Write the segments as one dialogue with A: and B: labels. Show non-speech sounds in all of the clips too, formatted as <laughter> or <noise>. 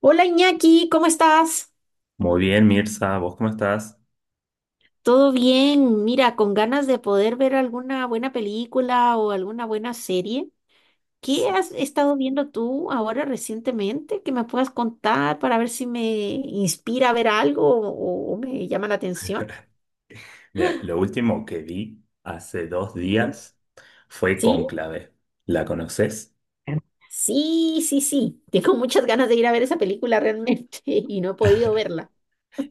A: Hola Iñaki, ¿cómo estás?
B: Muy bien, Mirza, ¿vos cómo estás?
A: ¿Todo bien? Mira, con ganas de poder ver alguna buena película o alguna buena serie. ¿Qué
B: Sí.
A: has estado viendo tú ahora recientemente que me puedas contar para ver si me inspira a ver algo o me llama la atención?
B: Mira, lo último que vi hace dos
A: ¿Sí?
B: días fue
A: ¿Sí?
B: Cónclave. ¿La conoces?
A: Sí, sí, sí. Tengo muchas ganas de ir a ver esa película realmente <laughs> y no he podido verla.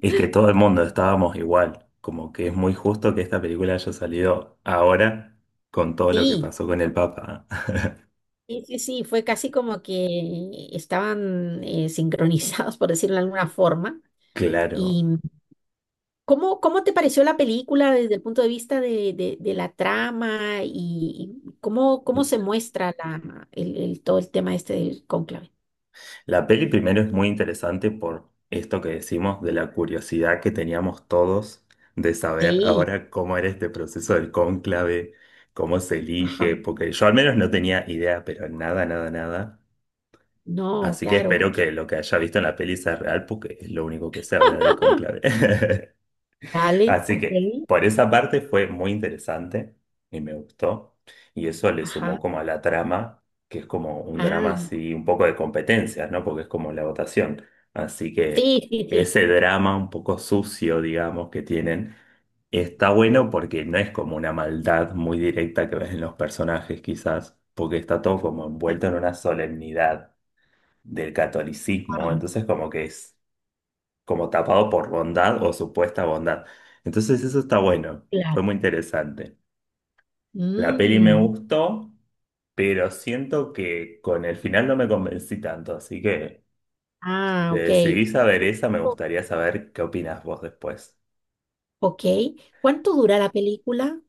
B: Es que todo el mundo estábamos igual, como que es muy justo que esta película haya salido ahora con todo lo que
A: Sí,
B: pasó con el Papa.
A: sí, sí, sí. Fue casi como que estaban sincronizados, por decirlo de alguna forma.
B: <laughs> Claro.
A: y ¿cómo te pareció la película desde el punto de vista de la trama y cómo se muestra todo el tema este del cónclave?
B: La peli primero es muy interesante por esto que decimos de la curiosidad que teníamos todos de saber
A: Sí,
B: ahora cómo era este proceso del cónclave, cómo se
A: ajá.
B: elige, porque yo al menos no tenía idea, pero nada, nada, nada.
A: No,
B: Así que
A: claro,
B: espero
A: porque
B: que lo que haya visto en la peli sea real, porque es lo único que se habla del cónclave. <laughs>
A: dale,
B: Así
A: ok,
B: que por esa parte fue muy interesante y me gustó. Y eso le
A: ajá.
B: sumó como a la trama, que es como un drama
A: Ah,
B: así, un poco de competencias, ¿no? Porque es como la votación. Así que
A: sí, sí, sí.
B: ese drama un poco sucio, digamos, que tienen, está bueno porque no es como una maldad muy directa que ves en los personajes, quizás, porque está todo como envuelto en una solemnidad del catolicismo.
A: Ah,
B: Entonces como que es como tapado por bondad o supuesta bondad. Entonces eso está bueno, fue
A: claro.
B: muy interesante. La peli me
A: Mm,
B: gustó, pero siento que con el final no me convencí tanto, así que si
A: ah,
B: te
A: ok.
B: decidís a ver esa, me
A: O-
B: gustaría saber qué opinas vos después.
A: Ok. ¿Cuánto dura la película?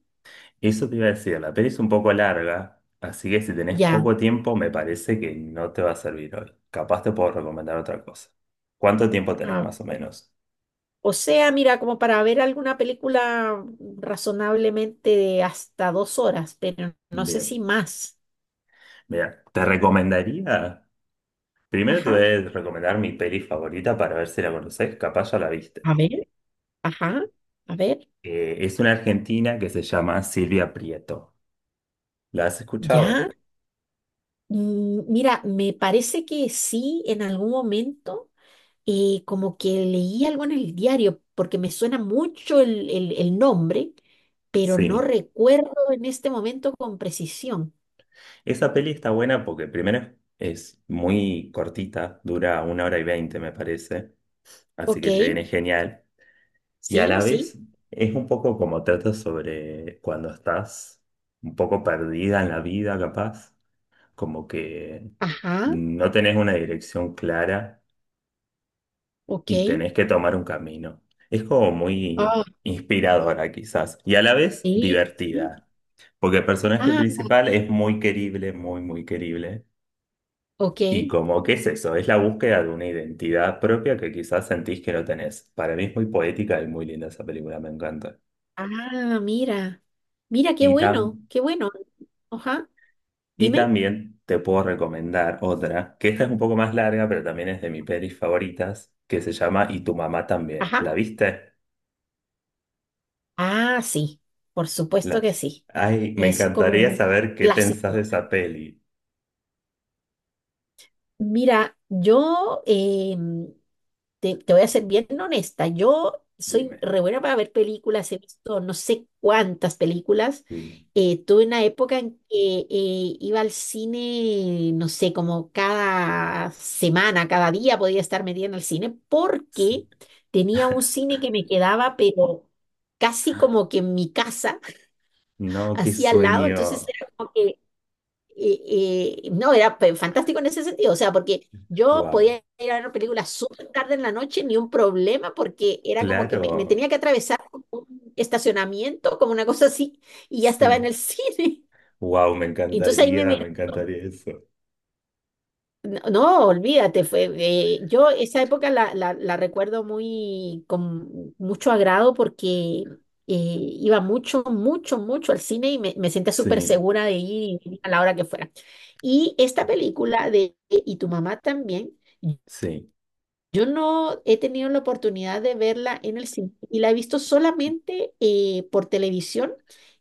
B: Eso te iba a decir, la peli es un poco larga, así que si tenés
A: Ya.
B: poco tiempo, me parece que no te va a servir hoy. Capaz te puedo recomendar otra cosa. ¿Cuánto tiempo tenés más o menos?
A: O sea, mira, como para ver alguna película razonablemente de hasta 2 horas, pero no sé
B: Bien,
A: si más.
B: mira, te recomendaría. Primero te
A: Ajá,
B: voy a recomendar mi peli favorita para ver si la conoces, capaz ya la viste.
A: a ver, ajá, a ver,
B: Es una argentina que se llama Silvia Prieto. ¿La has escuchado?
A: ya. Mira, me parece que sí, en algún momento, como que leí algo en el diario, porque me suena mucho el nombre, pero no
B: Sí.
A: recuerdo en este momento con precisión.
B: Esa peli está buena porque primero es muy cortita, dura 1 hora y 20 me parece, así
A: Ok,
B: que te viene genial. Y a
A: sí,
B: la
A: sí,
B: vez es un poco como trata sobre cuando estás un poco perdida en la vida, capaz, como que
A: ajá,
B: no tenés una dirección clara
A: ok.
B: y tenés que tomar un camino. Es como muy
A: Ah,
B: inspiradora quizás y a la vez
A: sí, sí.
B: divertida, porque el personaje
A: Ah,
B: principal es muy querible, muy, muy querible.
A: ok.
B: Y como, ¿qué es eso? Es la búsqueda de una identidad propia que quizás sentís que no tenés. Para mí es muy poética y muy linda esa película, me encanta.
A: Ah, mira. Mira, qué
B: Y,
A: bueno,
B: tam-
A: qué bueno. Ajá.
B: y
A: Dime.
B: también te puedo recomendar otra, que esta es un poco más larga, pero también es de mis pelis favoritas, que se llama Y tu mamá también.
A: Ajá.
B: ¿La viste?
A: Ah, sí. Por supuesto
B: La-
A: que sí.
B: Ay, me
A: Es como
B: encantaría
A: un
B: saber qué pensás de
A: clásico.
B: esa peli.
A: Mira, te voy a ser bien honesta, yo soy
B: Dime.
A: re buena para ver películas, he visto no sé cuántas películas.
B: Sí.
A: Tuve una época en que iba al cine, no sé, como cada semana, cada día podía estar metida en el cine
B: Sí.
A: porque tenía un cine que me quedaba, pero casi como que en mi casa, <laughs>
B: No, qué
A: así al lado, entonces
B: sueño.
A: era como que y no, era fantástico en ese sentido, o sea, porque yo
B: Wow.
A: podía ir a ver películas súper tarde en la noche, ni un problema, porque era como que me
B: Claro.
A: tenía que atravesar como un estacionamiento, como una cosa así, y ya estaba en
B: Sí.
A: el cine.
B: Wow,
A: <laughs> Entonces ahí me miró.
B: me encantaría eso.
A: No, no, olvídate, yo esa época la recuerdo muy con mucho agrado porque iba mucho, mucho, mucho al cine y me sentía súper
B: Sí,
A: segura de ir a la hora que fuera. Y esta película de Y tu mamá también,
B: sí,
A: yo no he tenido la oportunidad de verla en el cine y la he visto solamente por televisión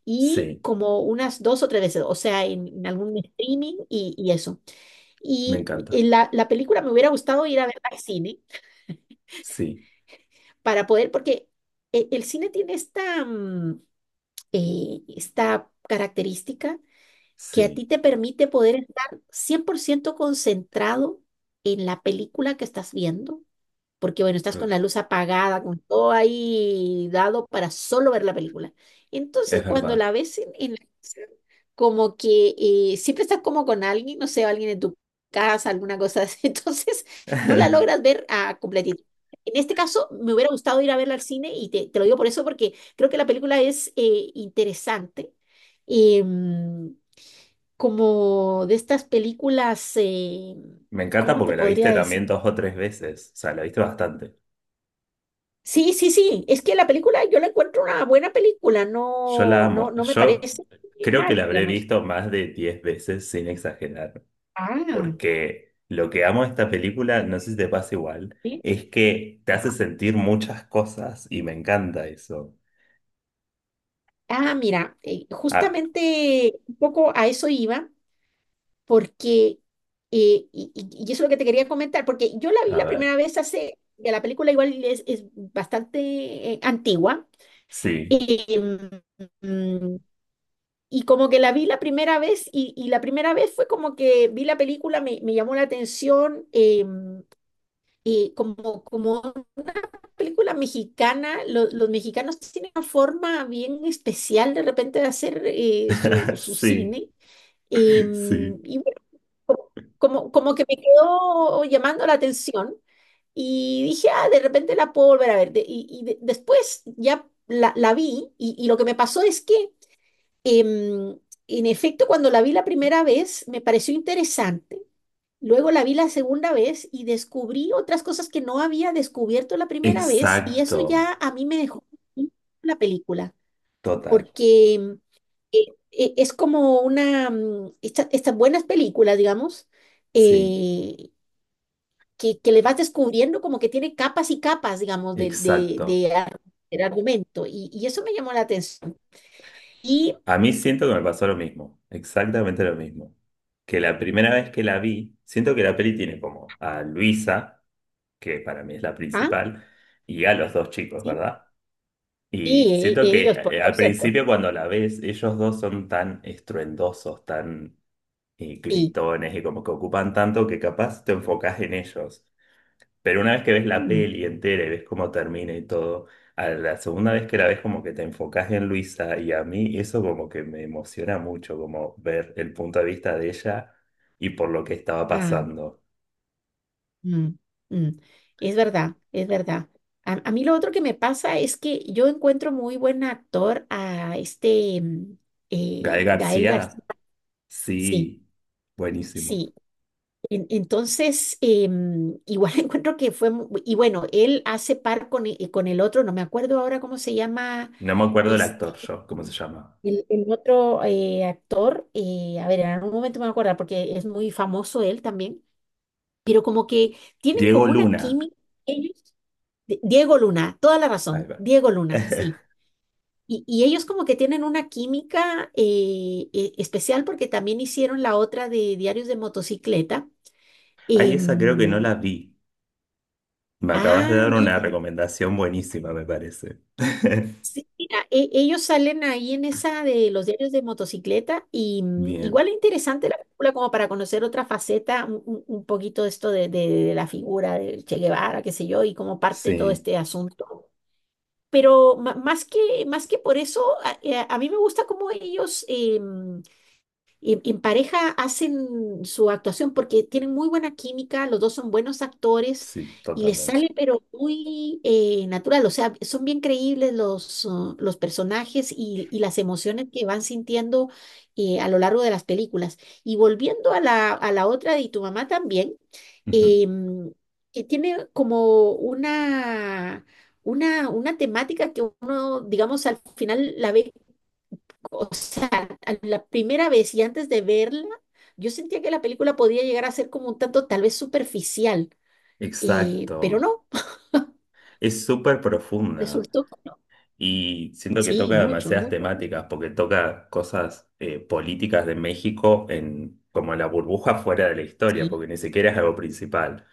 A: y
B: sí,
A: como unas dos o tres veces, o sea, en algún streaming y eso.
B: me
A: Y
B: encanta.
A: la película me hubiera gustado ir a verla al cine
B: Sí,
A: para poder, porque el cine tiene esta característica que a
B: sí,
A: ti te permite poder estar 100% concentrado en la película que estás viendo porque bueno, estás con
B: re-
A: la luz apagada, con todo ahí dado para solo ver la película. Entonces,
B: es
A: cuando
B: verdad.
A: la ves en la casa, como que siempre estás como con alguien, no sé, alguien en tu casa, alguna cosa así, <laughs> entonces no la logras
B: <laughs>
A: ver a completitud. En este caso, me hubiera gustado ir a verla al cine y te lo digo por eso, porque creo que la película es interesante. Em, Como de estas películas,
B: Me encanta
A: ¿cómo te
B: porque la
A: podría
B: viste también
A: decir?
B: dos o tres veces. O sea, la viste bastante.
A: Sí, sí, sí. Es que la película, yo la encuentro una buena película.
B: Yo la
A: No, no,
B: amo.
A: no me
B: Yo
A: parece
B: creo que
A: mal,
B: la habré
A: digamos.
B: visto más de 10 veces sin exagerar.
A: Ah,
B: Porque lo que amo de esta película, no sé si te pasa igual,
A: sí.
B: es que te hace
A: Ajá.
B: sentir muchas cosas y me encanta eso.
A: Ah, mira,
B: Ah,
A: justamente un poco a eso iba, porque, y eso es lo que te quería comentar, porque yo la vi
B: a
A: la
B: ver,
A: primera vez hace, que la película igual es, bastante antigua,
B: sí,
A: em, mm, y como que la vi la primera vez, y la primera vez fue como que vi la película, me llamó la atención, y como una película mexicana, los mexicanos tienen una forma bien especial de repente de hacer su,
B: <laughs>
A: su
B: sí,
A: cine.
B: sí,
A: Y bueno, co- como que me quedó llamando la atención y dije, ah, de repente la puedo volver a ver. Después ya la vi y lo que me pasó es que, em, en efecto, cuando la vi la primera vez, me pareció interesante. Luego la vi la segunda vez y descubrí otras cosas que no había descubierto la primera vez y eso
B: exacto,
A: ya a mí me dejó la película,
B: total,
A: porque eh, es como estas buenas películas, digamos,
B: sí,
A: eh, que le vas descubriendo como que tiene capas y capas, digamos,
B: exacto.
A: del argumento y eso me llamó la atención. Y,
B: A mí siento que me pasó lo mismo, exactamente lo mismo. Que la primera vez que la vi, siento que la peli tiene como a Luisa, que para mí es la
A: ajá,
B: principal, y a los dos chicos,
A: sí,
B: ¿verdad?
A: sí.
B: Y
A: e-
B: siento que
A: ellos, por,
B: al
A: por cierto,
B: principio cuando la ves, ellos dos son tan estruendosos, tan
A: sí.
B: gritones y como que ocupan tanto que capaz te enfocás en ellos. Pero una vez que ves la peli entera y ves cómo termina y todo, a la segunda vez que la ves como que te enfocás en Luisa y a mí eso como que me emociona mucho, como ver el punto de vista de ella y por lo que estaba
A: Mm.
B: pasando.
A: Mm. Mm. Es verdad, es verdad. A mí lo otro que me pasa es que yo encuentro muy buen actor a este
B: Gael
A: Gael García.
B: García,
A: Sí,
B: sí, buenísimo.
A: sí. Entonces, igual <laughs> encuentro que y bueno, él hace par con el otro, no me acuerdo ahora cómo se llama
B: No me acuerdo el
A: este,
B: actor yo, ¿cómo se llama?
A: el otro actor. A ver, en algún momento me voy a acordar porque es muy famoso él también, pero como que tienen
B: Diego
A: como una
B: Luna.
A: química. Diego Luna, toda la
B: Ahí
A: razón,
B: va.
A: Diego Luna, sí.
B: <laughs>
A: Y ellos como que tienen una química especial porque también hicieron la otra de Diarios de Motocicleta.
B: Ahí esa creo que no
A: Em,
B: la vi. Me acabas de
A: ah,
B: dar una
A: mira,
B: recomendación buenísima, me parece. <laughs>
A: sí, mira, ellos salen ahí en esa de los Diarios de Motocicleta y igual
B: Bien.
A: es interesante la película como para conocer otra faceta, un poquito esto de la figura de Che Guevara, qué sé yo, y cómo parte todo
B: Sí,
A: este asunto. Pero más que, más que por eso, a mí me gusta cómo ellos, y en pareja hacen su actuación porque tienen muy buena química, los dos son buenos actores
B: sí,
A: y les sale
B: totalmente.
A: pero muy natural, o sea, son bien creíbles los personajes y las emociones que van sintiendo a lo largo de las películas. Y volviendo a la otra de Y tu mamá también,
B: Ujú.
A: em, que tiene como una. Una temática que uno, digamos, al final la ve, o sea, a la primera vez y antes de verla, yo sentía que la película podía llegar a ser como un tanto tal vez superficial, pero
B: Exacto.
A: no, <laughs>
B: Es súper profunda.
A: resultó que no.
B: Y siento que
A: Sí,
B: toca
A: mucho,
B: demasiadas
A: mucho, mucho.
B: temáticas, porque toca cosas políticas de México en como la burbuja fuera de la historia,
A: Sí,
B: porque ni siquiera es algo principal.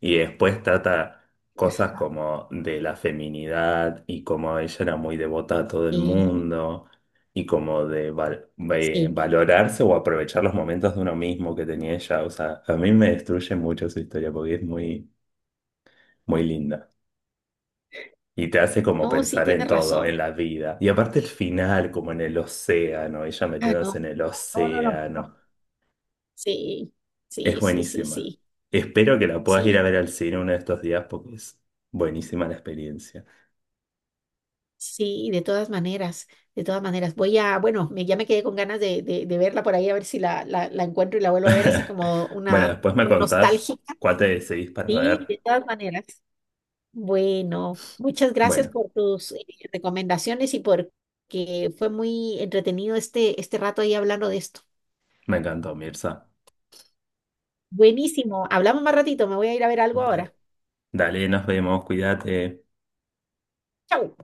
B: Y después trata cosas como de la feminidad y como ella era muy devota a todo el
A: eh,
B: mundo y como de
A: sí.
B: valorarse o aprovechar los momentos de uno mismo que tenía ella. O sea, a mí me destruye mucho su historia porque es muy, muy linda. Y te hace como
A: No, sí,
B: pensar en
A: tienes
B: todo,
A: razón.
B: en la vida. Y aparte el final, como en el océano, ella
A: Ah,
B: metiéndose
A: no,
B: en el
A: no, no, no.
B: océano.
A: Sí,
B: Es
A: sí, sí, sí,
B: buenísima.
A: sí,
B: Espero que la puedas ir a
A: sí,
B: ver al cine uno de estos días porque es buenísima la experiencia.
A: sí, de todas maneras, de todas maneras. Bueno, ya me quedé con ganas de verla por ahí, a ver si la encuentro y la vuelvo a ver así
B: <laughs>
A: como
B: Bueno,
A: una
B: después me contás
A: nostálgica.
B: cuál te decidís para
A: Sí,
B: ver.
A: de todas maneras. Bueno, muchas gracias
B: Bueno,
A: por tus recomendaciones y por que fue muy entretenido este rato ahí hablando de esto.
B: me encantó, Mirza.
A: Buenísimo. Hablamos más ratito. Me voy a ir a ver algo
B: Dale.
A: ahora.
B: Dale, nos vemos, cuídate.
A: Chau.